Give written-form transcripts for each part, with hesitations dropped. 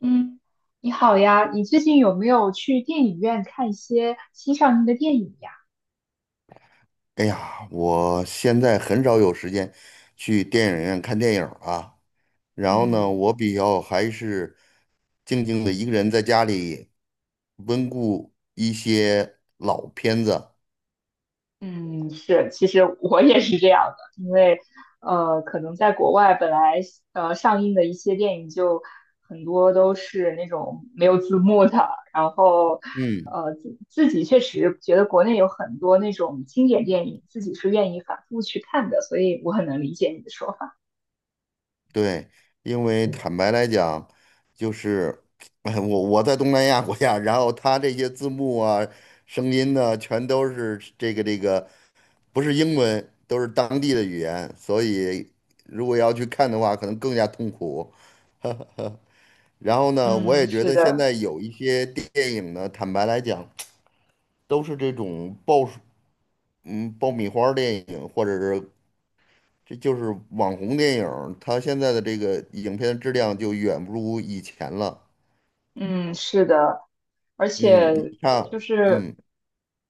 嗯，你好呀，你最近有没有去电影院看一些新上映的电影呀？哎呀，我现在很少有时间去电影院看电影儿啊。然后呢，嗯我比较还是静静的一个人在家里温故一些老片子。嗯，是，其实我也是这样的，因为可能在国外本来上映的一些电影就很多都是那种没有字幕的，然后嗯，自己确实觉得国内有很多那种经典电影，自己是愿意反复去看的，所以我很能理解你的说法。对，因为坦白来讲，就是 哎，我在东南亚国家，然后他这些字幕啊、声音呢，全都是这个，不是英文，都是当地的语言，所以如果要去看的话，可能更加痛苦。然后呢，我嗯，也觉是得现的。在有一些电影呢，坦白来讲，都是这种爆，爆米花儿电影，或者是这就是网红电影儿，它现在的这个影片质量就远不如以前了。嗯，是的，而嗯，且你看，就是嗯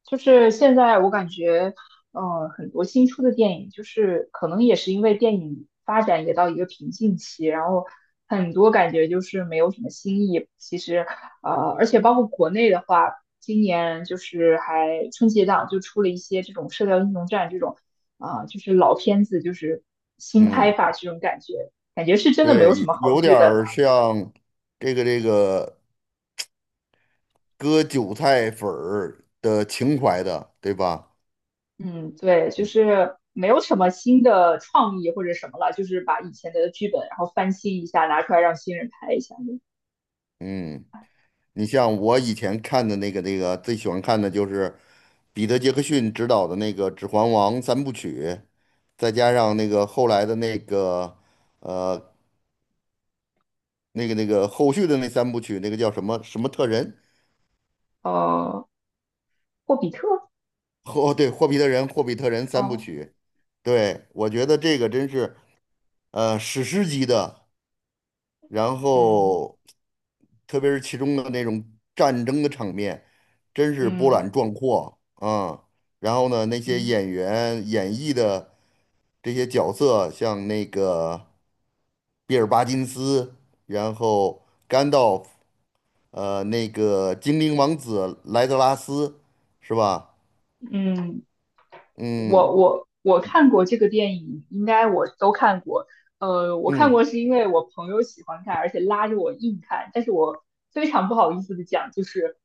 就是现在我感觉，很多新出的电影，就是可能也是因为电影发展也到一个瓶颈期，然后很多感觉就是没有什么新意。其实，呃，而且包括国内的话，今年就是还春节档就出了一些这种《射雕英雄传》这种，啊、就是老片子，就是新拍嗯，法这种感觉，感觉是真的没有什对，么好有剧点本儿了。像这个割韭菜粉儿的情怀的，对吧？嗯，对，就是没有什么新的创意或者什么了，就是把以前的剧本然后翻新一下，拿出来让新人拍一下。嗯。你像我以前看的那个最喜欢看的就是彼得·杰克逊执导的那个《指环王》三部曲，再加上那个后来的那个呃那个后续的那三部曲，那个叫什么什么特人？呃，霍比特，霍对霍比特人，霍比特人三部哦，曲。对，我觉得这个真是史诗级的。然嗯后特别是其中的那种战争的场面，真是波嗯澜壮阔啊。然后呢，那些嗯演员演绎的这些角色，像那个比尔·巴金斯，然后甘道夫，那个精灵王子莱德拉斯，是吧？嗯，嗯我看过这个电影，应该我都看过。呃，我看嗯，过是因为我朋友喜欢看，而且拉着我硬看，但是我非常不好意思的讲，就是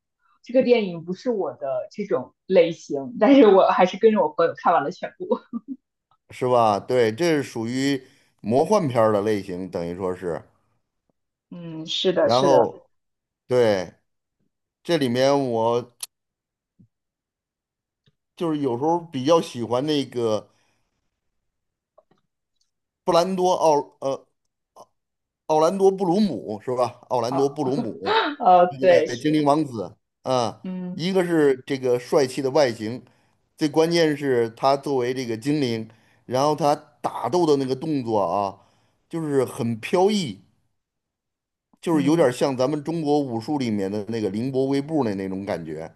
这个电影不是我的这种类型，但是我还是跟着我朋友看完了全部。是吧？对，这是属于魔幻片儿的类型，等于说是。嗯，是的，然是的，后对，这里面我就是有时候比较喜欢那个布兰多奥呃奥兰多布鲁姆是吧？奥兰啊，多布鲁姆，呃，对，对，精灵是，王子啊，嗯，一个是这个帅气的外形，最关键是他作为这个精灵，然后他打斗的那个动作啊，就是很飘逸，就是有嗯点像咱们中国武术里面的那个凌波微步的那种感觉。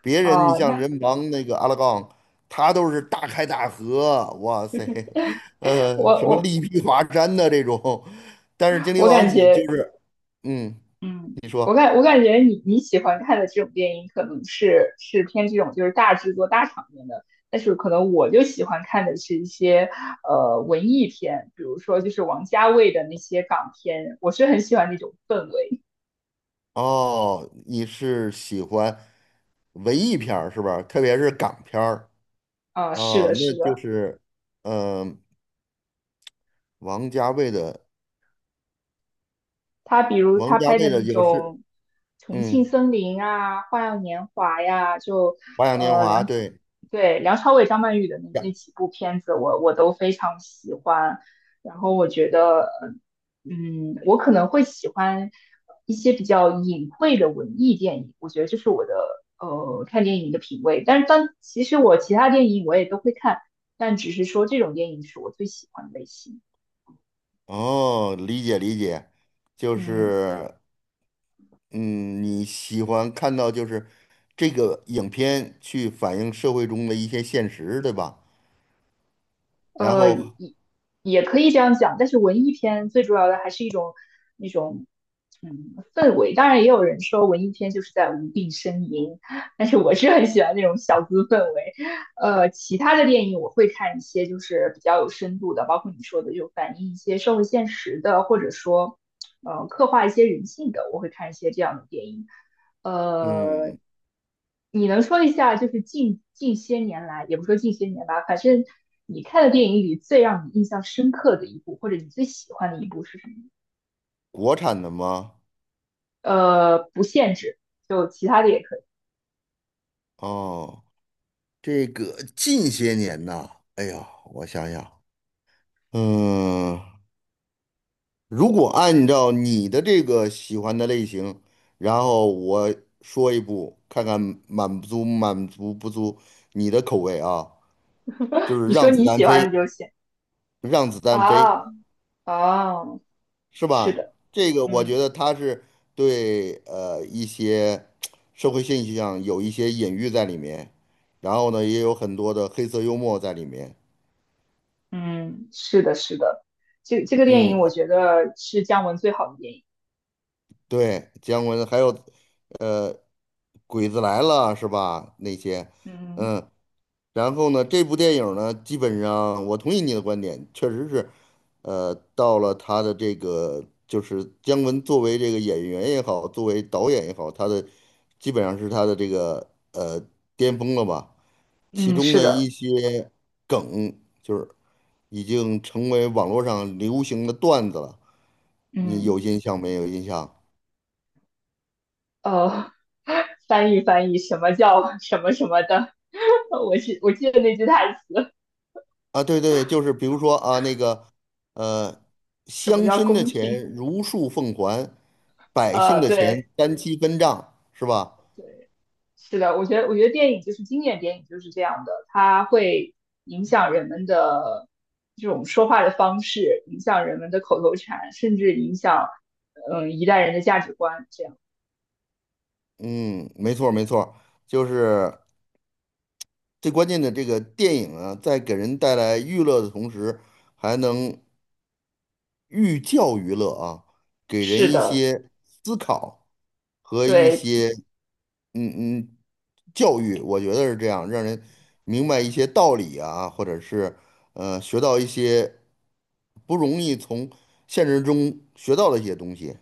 别人你哦，像那人王那个阿拉贡，他都是大开大合，哇塞，我什么我力劈华山的这种，但是精灵我王感子觉，就是，嗯，嗯你我说，感我感觉你喜欢看的这种电影，可能是偏这种就是大制作、大场面的，但是可能我就喜欢看的是一些文艺片，比如说就是王家卫的那些港片，我是很喜欢那种氛围。哦，你是喜欢文艺片儿是吧？特别是港片儿啊，是哦，的，那是就的。是，嗯、王家卫的，他比如王他家拍卫的的那有是，种《重庆嗯，森林》啊，《花样年华》呀，就《花样年呃华》梁对。对梁朝伟、张曼玉的那几部片子我，我都非常喜欢。然后我觉得，嗯，我可能会喜欢一些比较隐晦的文艺电影，我觉得这是我的看电影的品味。但是其实我其他电影我也都会看，但只是说这种电影是我最喜欢的类型。哦，理解理解，就嗯。是嗯，你喜欢看到就是这个影片去反映社会中的一些现实，对吧？然呃，后，也也可以这样讲，但是文艺片最主要的还是一种那种氛围。当然，也有人说文艺片就是在无病呻吟，但是我是很喜欢那种小资氛围。其他的电影我会看一些就是比较有深度的，包括你说的就反映一些社会现实的，或者说刻画一些人性的，我会看一些这样的电影。呃，嗯，你能说一下，就是近些年来，也不说近些年吧，反正你看的电影里最让你印象深刻的一部，或者你最喜欢的一部是什么？国产的吗？呃，不限制，就其他的也可以。哦，这个近些年呐，哎呀，我想想，嗯，如果按照你的这个喜欢的类型，然后我说一部，看看满足满足不足你的口味啊，就是你说《让子你弹喜欢飞》，的就行。《让子弹飞》啊啊，是是吧？的，这个我嗯觉得他是对一些社会现象有一些隐喻在里面，然后呢也有很多的黑色幽默在里面。嗯，是的，是的，这个电嗯，影我啊觉得是姜文最好的电影。对，姜文还有呃《鬼子来了》是吧？那些，嗯嗯，然后呢，这部电影呢，基本上我同意你的观点，确实是，呃，到了他的这个，就是姜文作为这个演员也好，作为导演也好，他的基本上是他的这个巅峰了吧。其嗯，中是的一的，些梗，就是已经成为网络上流行的段子了。你嗯有印象没有印象？呃，翻译翻译，什么叫什么什么的？我记得那句台词，啊，对对，就是比如说啊，那个，呃，什乡么叫绅的公平？钱如数奉还，百姓呃，的钱对，单期分账，是吧？是的，我觉得电影就是经典电影就是这样的，它会影响人们的这种说话的方式，影响人们的口头禅，甚至影响一代人的价值观。这样嗯，没错儿没错儿就是最关键的这个电影啊，在给人带来娱乐的同时，还能寓教于乐啊，给人是一的，些思考和一对，些嗯嗯，教育我觉得是这样，让人明白一些道理啊，或者是学到一些不容易从现实中学到的一些东西。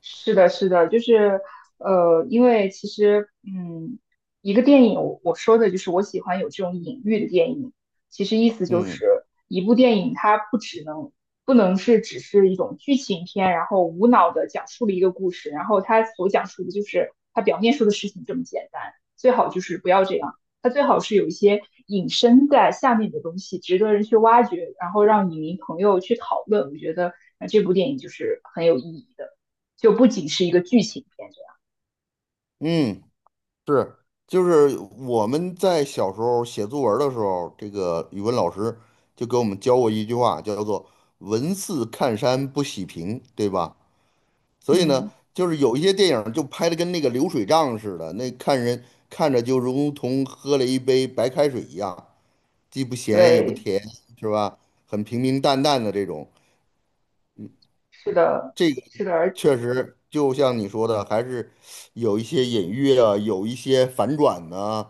是的，是的，就是因为其实一个电影，我说的就是我喜欢有这种隐喻的电影。其实意思就嗯是一部电影，它不能是只是一种剧情片，然后无脑的讲述了一个故事，然后它所讲述的就是它表面说的事情这么简单。最好就是不要这样，它最好是有一些隐身在下面的东西，值得人去挖掘，然后让影迷朋友去讨论。我觉得这部电影就是很有意义的。就不仅是一个剧情片这样。嗯，是，就是我们在小时候写作文儿的时候，这个语文老师就给我们教过一句话，叫做“文似看山不喜平”，对吧？所以呢，嗯，就是有一些电影就拍的跟那个流水账似的，那看人看着就如同喝了一杯白开水一样，既不咸也不对，甜，是吧？很平平淡淡的这种，是的，这个是的，而确实就像你说的，还是有一些隐喻啊，有一些反转呐，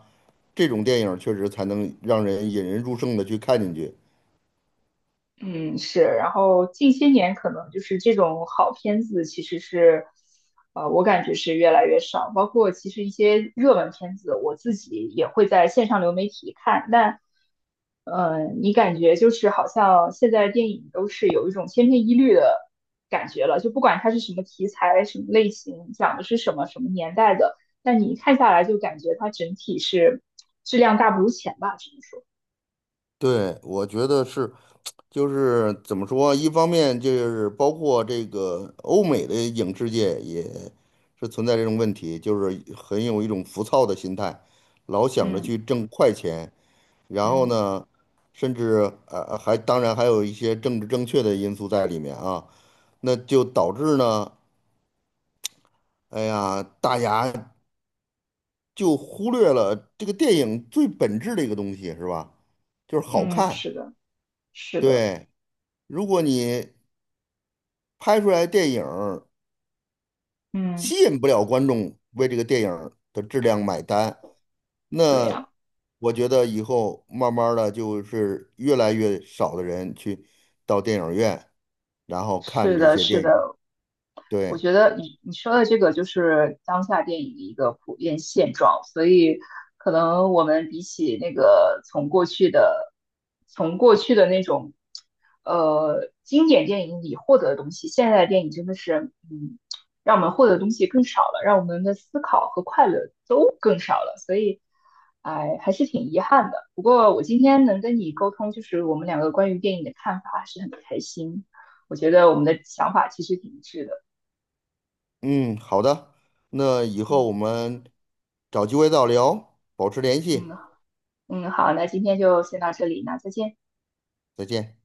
这种电影确实才能让人引人入胜的去看进去。嗯，是，然后近些年可能就是这种好片子，其实是，我感觉是越来越少。包括其实一些热门片子，我自己也会在线上流媒体看。但，你感觉就是好像现在电影都是有一种千篇一律的感觉了，就不管它是什么题材、什么类型、讲的是什么、什么年代的，但你一看下来就感觉它整体是质量大不如前吧，只能说。对，我觉得是，就是怎么说，一方面就是包括这个欧美的影视界也是存在这种问题，就是很有一种浮躁的心态，老想着嗯去挣快钱，然后嗯呢，甚至还当然还有一些政治正确的因素在里面啊，那就导致呢，哎呀，大家就忽略了这个电影最本质的一个东西，是吧？就是好嗯，看。是的，是的。对，如果你拍出来的电影儿嗯，吸引不了观众为这个电影儿的质量买单，对那呀，我觉得以后慢慢的就是越来越少的人去到电影院，然后看是这的，些是电影。的，我对，觉得你说的这个就是当下电影的一个普遍现状，所以可能我们比起那个从过去的那种经典电影里获得的东西，现在的电影真的是让我们获得的东西更少了，让我们的思考和快乐都更少了，所以哎还是挺遗憾的。不过我今天能跟你沟通，就是我们两个关于电影的看法，还是很开心。我觉得我们的想法其实挺一致的。嗯，好的，那以后嗯我们找机会再聊，保持联系，嗯嗯，好，那今天就先到这里，那再见。再见。